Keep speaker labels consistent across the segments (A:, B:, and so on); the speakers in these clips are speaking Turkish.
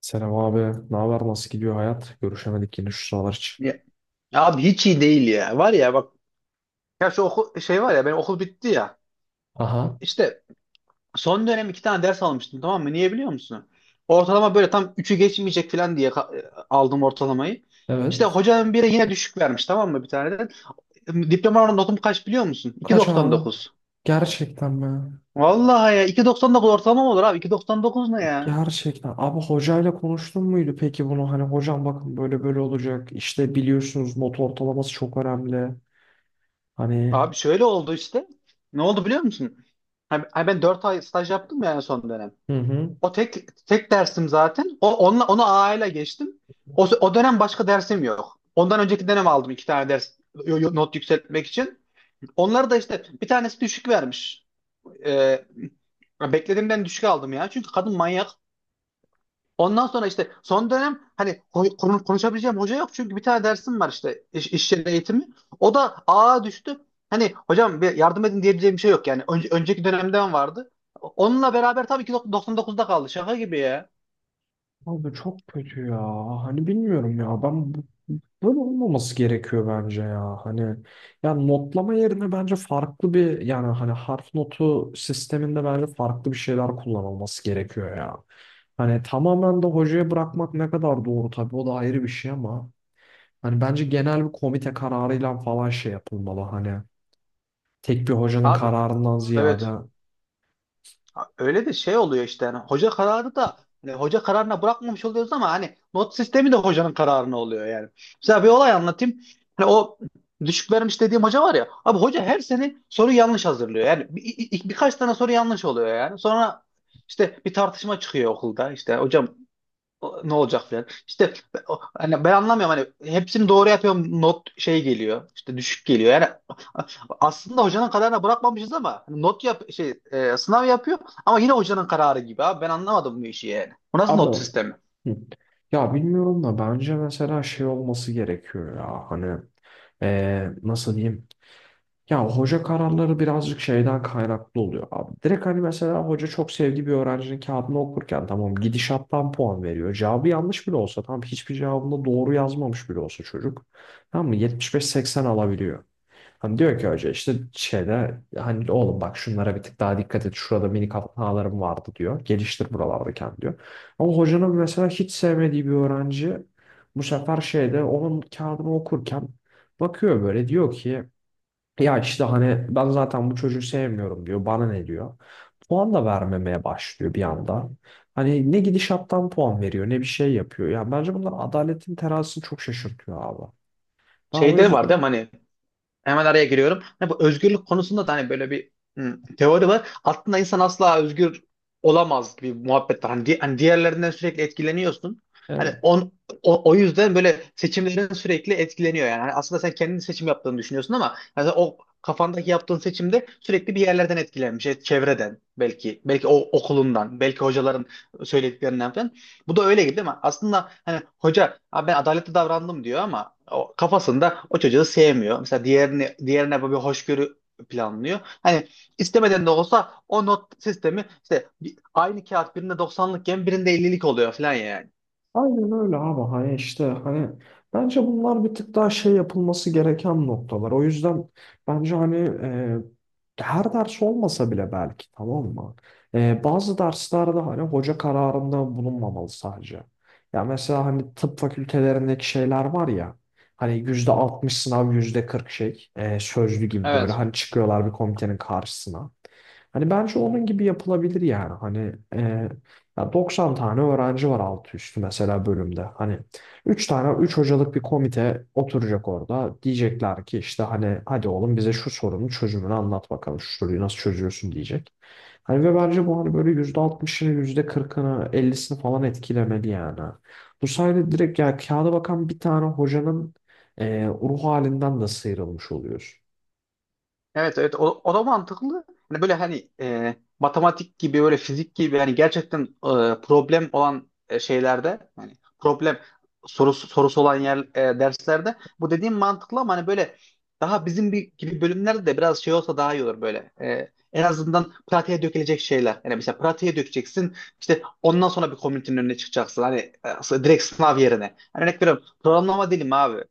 A: Selam abi. Ne haber? Nasıl gidiyor hayat? Görüşemedik yine şu sıralar için.
B: Ya, ya, abi hiç iyi değil ya. Var ya bak ya şu okul şey var ya benim okul bitti ya.
A: Aha,
B: İşte son dönem iki tane ders almıştım, tamam mı? Niye biliyor musun? Ortalama böyle tam üçü geçmeyecek falan diye aldım ortalamayı. İşte
A: evet.
B: hocanın biri yine düşük vermiş, tamam mı, bir tane de. Diploma notum kaç biliyor musun? iki virgül
A: Kaç
B: doksan
A: abi?
B: dokuz.
A: Gerçekten mi?
B: Vallahi ya, 2,99 ortalama mı olur abi? 2,99 ne ya?
A: Gerçekten. Abi hocayla konuştun muydu peki bunu? Hani hocam bakın böyle böyle olacak. İşte biliyorsunuz not ortalaması çok önemli. Hani.
B: Abi şöyle oldu işte. Ne oldu biliyor musun? Ha Ben 4 ay staj yaptım ya, en son dönem.
A: Hı hı.
B: O tek dersim zaten. O onunla onu A ile geçtim. O dönem başka dersim yok. Ondan önceki dönem aldım iki tane ders not yükseltmek için. Onları da işte, bir tanesi düşük vermiş. Ee, Beklediğimden düşük aldım ya. Çünkü kadın manyak. Ondan sonra işte son dönem hani konuşabileceğim hoca yok. Çünkü bir tane dersim var işte, iş yeri eğitimi. O da A'ya düştü. Hani hocam bir yardım edin diyebileceğim bir şey yok yani. Önceki dönemden vardı. Onunla beraber tabii ki 99'da kaldı. Şaka gibi ya.
A: Abi çok kötü ya. Hani bilmiyorum ya. Ben bu Böyle olmaması gerekiyor bence ya. Hani yani notlama yerine bence farklı bir yani hani harf notu sisteminde bence farklı bir şeyler kullanılması gerekiyor ya. Hani tamamen de hocaya bırakmak ne kadar doğru tabii o da ayrı bir şey ama hani bence genel bir komite kararıyla falan şey yapılmalı hani tek bir hocanın
B: Abi.
A: kararından ziyade
B: Evet. Ha, Öyle de şey oluyor işte, yani hoca kararı da hani hoca kararına bırakmamış oluyoruz ama hani not sistemi de hocanın kararına oluyor yani. Mesela bir olay anlatayım. Hani o düşük vermiş dediğim hoca var ya. Abi hoca her sene soru yanlış hazırlıyor. Yani birkaç tane soru yanlış oluyor yani. Sonra işte bir tartışma çıkıyor okulda. İşte hocam ne olacak falan. İşte hani ben anlamıyorum, hani hepsini doğru yapıyorum, not şey geliyor, işte düşük geliyor. Yani aslında hocanın kararına bırakmamışız ama hani not yap şey sınav yapıyor ama yine hocanın kararı gibi abi. Ben anlamadım bu işi yani. Bu nasıl
A: abi.
B: not sistemi?
A: Hı. Ya bilmiyorum da bence mesela şey olması gerekiyor ya hani Nasıl diyeyim. Ya hoca kararları birazcık şeyden kaynaklı oluyor abi. Direkt hani mesela hoca çok sevdiği bir öğrencinin kağıdını okurken tamam gidişattan puan veriyor. Cevabı yanlış bile olsa tamam hiçbir cevabında doğru yazmamış bile olsa çocuk. Tamam mı? 75-80 alabiliyor. Hani diyor ki hoca işte şeyde hani oğlum bak şunlara bir tık daha dikkat et. Şurada minik hatalarım vardı diyor. Geliştir buralarda kendini diyor. Ama hocanın mesela hiç sevmediği bir öğrenci bu sefer şeyde onun kağıdını okurken bakıyor böyle diyor ki ya işte hani ben zaten bu çocuğu sevmiyorum diyor. Bana ne diyor. Puan da vermemeye başlıyor bir anda. Hani ne gidişattan puan veriyor ne bir şey yapıyor. Yani bence bunlar adaletin terazisini çok şaşırtıyor abi. Ben o
B: Şeyde var değil mi,
A: yüzden
B: hani. Hemen araya giriyorum. Hani bu özgürlük konusunda da hani böyle bir teori var. Aslında insan asla özgür olamaz gibi bir muhabbet var. Hani diğerlerinden sürekli etkileniyorsun. Hani
A: evet.
B: on, o, o yüzden böyle seçimlerin sürekli etkileniyor yani. Hani aslında sen kendi seçim yaptığını düşünüyorsun ama yani sen o kafandaki yaptığın seçimde sürekli bir yerlerden etkilenmiş. Çevreden belki, o okulundan, belki hocaların söylediklerinden falan. Bu da öyle gibi değil mi? Aslında hani hoca "Abi ben adaletli davrandım" diyor ama o kafasında o çocuğu sevmiyor. Mesela diğerini, diğerine böyle bir hoşgörü planlıyor. Hani istemeden de olsa o not sistemi işte aynı kağıt birinde 90'lıkken birinde 50'lik oluyor falan yani.
A: Aynen öyle abi hani işte hani bence bunlar bir tık daha şey yapılması gereken noktalar. O yüzden bence hani her ders olmasa bile belki tamam mı? Bazı derslerde hani hoca kararında bulunmamalı sadece. Ya mesela hani tıp fakültelerindeki şeyler var ya hani %60 sınav %40 şey sözlü gibi böyle
B: Evet.
A: hani çıkıyorlar bir komitenin karşısına. Hani bence onun gibi yapılabilir yani hani ya 90 tane öğrenci var altı üstü mesela bölümde. Hani 3 tane 3 hocalık bir komite oturacak orada. Diyecekler ki işte hani hadi oğlum bize şu sorunun çözümünü anlat bakalım. Şu soruyu nasıl çözüyorsun diyecek. Hani ve bence bu hani böyle %60'ını, %40'ını, 50'sini falan etkilemeli yani. Bu sayede direkt ya kağıda bakan bir tane hocanın ruh halinden de sıyrılmış oluyoruz.
B: Evet evet, o da mantıklı. Hani böyle hani matematik gibi, böyle fizik gibi, yani gerçekten problem olan şeylerde hani problem sorusu olan yer derslerde bu dediğim mantıklı ama hani böyle daha bizim gibi bölümlerde de biraz şey olsa daha iyi olur böyle. E, en azından pratiğe dökülecek şeyler. Yani mesela pratiğe dökeceksin işte, ondan sonra bir komünitenin önüne çıkacaksın. Hani direkt sınav yerine. Yani örnek veriyorum, programlama dilim abi.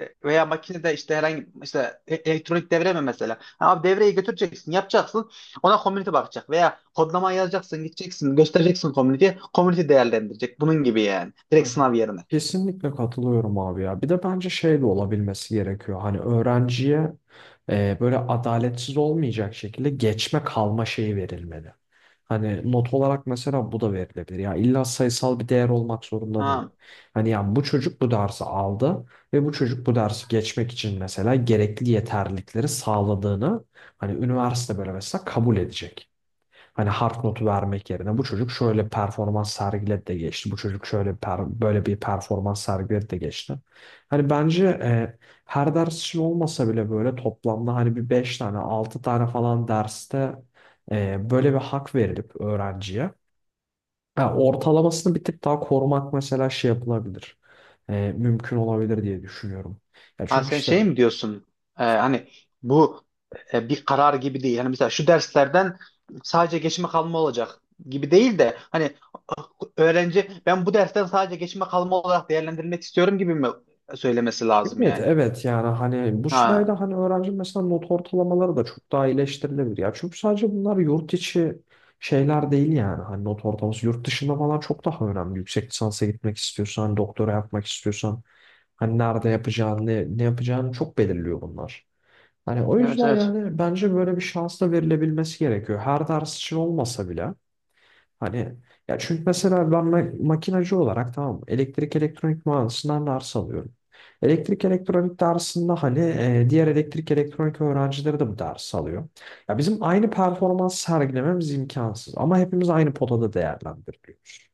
B: Veya makinede işte herhangi işte elektronik devre mi mesela? Ha, Abi devreyi götüreceksin, yapacaksın. Ona community bakacak veya kodlama yazacaksın, gideceksin, göstereceksin community'ye. Community değerlendirecek. Bunun gibi yani. Direkt
A: Ha,
B: sınav yerine.
A: kesinlikle katılıyorum abi ya. Bir de bence şey de olabilmesi gerekiyor. Hani öğrenciye böyle adaletsiz olmayacak şekilde geçme kalma şeyi verilmeli. Hani not olarak mesela bu da verilebilir. Ya illa sayısal bir değer olmak zorunda değil.
B: Ha.
A: Hani yani bu çocuk bu dersi aldı ve bu çocuk bu dersi geçmek için mesela gerekli yeterlilikleri sağladığını hani üniversite böyle mesela kabul edecek. Hani hard notu vermek yerine bu çocuk şöyle performans sergiledi de geçti. Bu çocuk şöyle böyle bir performans sergiledi de geçti. Hani bence her ders için olmasa bile böyle toplamda hani bir 5 tane 6 tane falan derste böyle bir hak verilip öğrenciye. Ha, ortalamasını bir tık daha korumak mesela şey yapılabilir. Mümkün olabilir diye düşünüyorum. Ya
B: Ha,
A: çünkü
B: Sen
A: işte.
B: şey mi diyorsun? Hani bu bir karar gibi değil. Hani mesela şu derslerden sadece geçme kalma olacak gibi değil de hani öğrenci "ben bu dersten sadece geçme kalma olarak değerlendirmek istiyorum" gibi mi söylemesi lazım
A: Evet
B: yani?
A: evet yani hani bu
B: Ha,
A: sayede hani öğrenci mesela not ortalamaları da çok daha iyileştirilebilir ya. Çünkü sadece bunlar yurt içi şeyler değil yani hani not ortalaması yurt dışında falan çok daha önemli. Yüksek lisansa gitmek istiyorsan, doktora yapmak istiyorsan hani nerede yapacağını, ne yapacağını çok belirliyor bunlar. Hani o
B: evet
A: yüzden
B: evet.
A: yani bence böyle bir şans da verilebilmesi gerekiyor. Her ders için olmasa bile. Hani ya çünkü mesela ben makinacı olarak tamam mı, elektrik elektronik mühendisinden ders alıyorum. Elektrik elektronik dersinde hani diğer elektrik elektronik öğrencileri de bu ders alıyor. Ya bizim aynı performans sergilememiz imkansız ama hepimiz aynı potada değerlendiriliyoruz.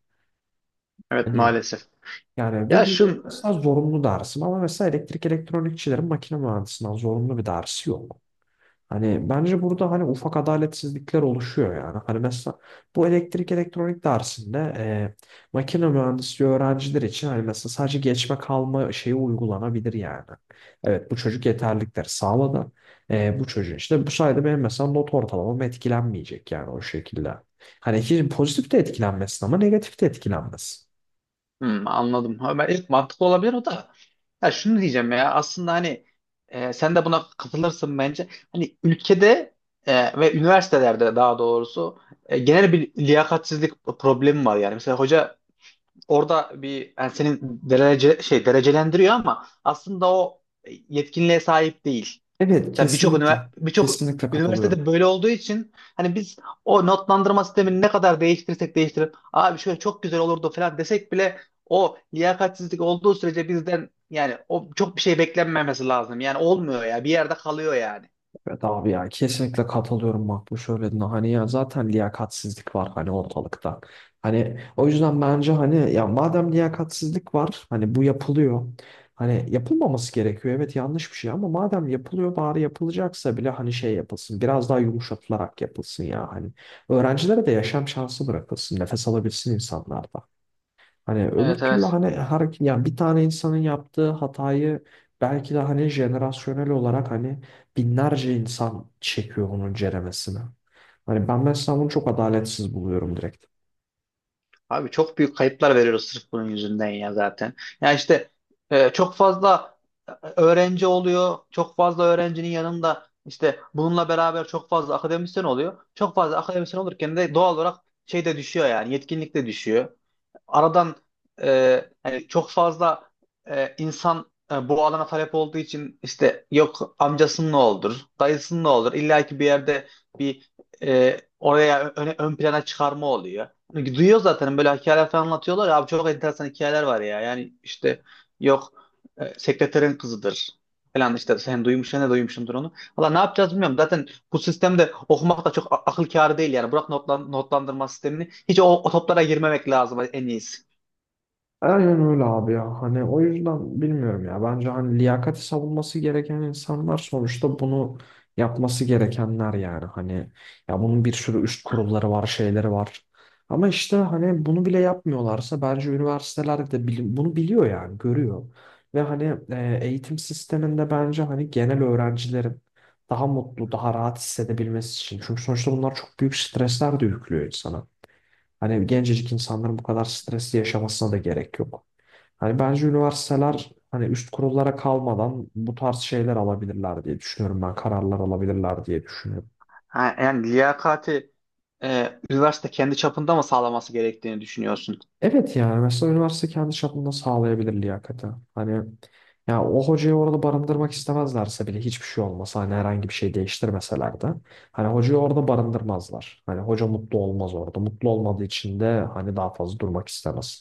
B: Evet,
A: Hani
B: maalesef.
A: yani ve
B: Ya
A: bu benim
B: şu.
A: aslında zorunlu dersim ama mesela elektrik elektronikçilerin makine mühendisinden zorunlu bir dersi yok. Hani bence burada hani ufak adaletsizlikler oluşuyor yani. Hani mesela bu elektrik elektronik dersinde makine mühendisliği öğrenciler için hani mesela sadece geçme kalma şeyi uygulanabilir yani. Evet bu çocuk yeterlilikleri sağladı. Bu çocuğun işte bu sayede benim mesela not ortalamam etkilenmeyecek yani o şekilde. Hani hiç pozitif de etkilenmesin ama negatif de etkilenmesin.
B: Hmm, anladım. Ha, Ben ilk mantıklı olabilir o da. Ya şunu diyeceğim, ya aslında hani sen de buna katılırsın bence. Hani ülkede ve üniversitelerde, daha doğrusu, genel bir liyakatsizlik problemi var yani. Mesela hoca orada bir yani senin derece şey derecelendiriyor ama aslında o yetkinliğe sahip değil.
A: Evet kesinlikle.
B: Birçok
A: Kesinlikle katılıyorum.
B: üniversitede böyle olduğu için hani biz o notlandırma sistemini ne kadar değiştirsek değiştirip abi şöyle çok güzel olurdu falan desek bile, o liyakatsizlik olduğu sürece bizden yani o çok bir şey beklenmemesi lazım. Yani olmuyor ya. Bir yerde kalıyor yani.
A: Evet abi ya kesinlikle katılıyorum bak bu söylediğine hani ya zaten liyakatsizlik var hani ortalıkta. Hani o yüzden bence hani ya madem liyakatsizlik var hani bu yapılıyor. Hani yapılmaması gerekiyor evet yanlış bir şey ama madem yapılıyor bari yapılacaksa bile hani şey yapılsın biraz daha yumuşatılarak yapılsın ya hani. Öğrencilere de yaşam şansı bırakılsın nefes alabilsin insanlar da. Hani öbür
B: Evet
A: türlü
B: evet.
A: hani hareket yani bir tane insanın yaptığı hatayı belki de hani jenerasyonel olarak hani binlerce insan çekiyor onun ceremesine. Hani ben mesela bunu çok adaletsiz buluyorum direkt.
B: Abi çok büyük kayıplar veriyoruz sırf bunun yüzünden ya, zaten. Ya işte çok fazla öğrenci oluyor. Çok fazla öğrencinin yanında işte bununla beraber çok fazla akademisyen oluyor. Çok fazla akademisyen olurken de doğal olarak şey de düşüyor, yani yetkinlik de düşüyor aradan. Hani çok fazla insan bu alana talep olduğu için işte yok amcasının ne olur, dayısının ne olur. İlla ki bir yerde bir oraya ön plana çıkarma oluyor. Çünkü duyuyor zaten, böyle hikayeler falan anlatıyorlar ya abi, çok enteresan hikayeler var ya. Yani işte yok sekreterin kızıdır falan, işte sen duymuşsun ne duymuşsundur onu. Valla ne yapacağız bilmiyorum. Zaten bu sistemde okumak da çok akıl kârı değil yani. Bırak notlandırma sistemini. Hiç o toplara girmemek lazım en iyisi.
A: Aynen öyle abi ya. Hani o yüzden bilmiyorum ya. Bence hani liyakati savunması gereken insanlar sonuçta bunu yapması gerekenler yani. Hani ya bunun bir sürü üst kurulları var, şeyleri var. Ama işte hani bunu bile yapmıyorlarsa bence üniversiteler de bunu biliyor yani, görüyor. Ve hani eğitim sisteminde bence hani genel öğrencilerin daha mutlu, daha rahat hissedebilmesi için. Çünkü sonuçta bunlar çok büyük stresler de yüklüyor insana. Hani gencecik insanların bu kadar stresi yaşamasına da gerek yok. Hani bence üniversiteler hani üst kurullara kalmadan bu tarz şeyler alabilirler diye düşünüyorum ben. Kararlar alabilirler diye düşünüyorum.
B: Ha, Yani liyakati üniversite kendi çapında mı sağlaması gerektiğini düşünüyorsun?
A: Evet yani mesela üniversite kendi çapında sağlayabilir liyakati. Hani ya o hocayı orada barındırmak istemezlerse bile hiçbir şey olmasa hani herhangi bir şey değiştirmeseler de hani hocayı orada barındırmazlar. Hani hoca mutlu olmaz orada. Mutlu olmadığı için de hani daha fazla durmak istemez.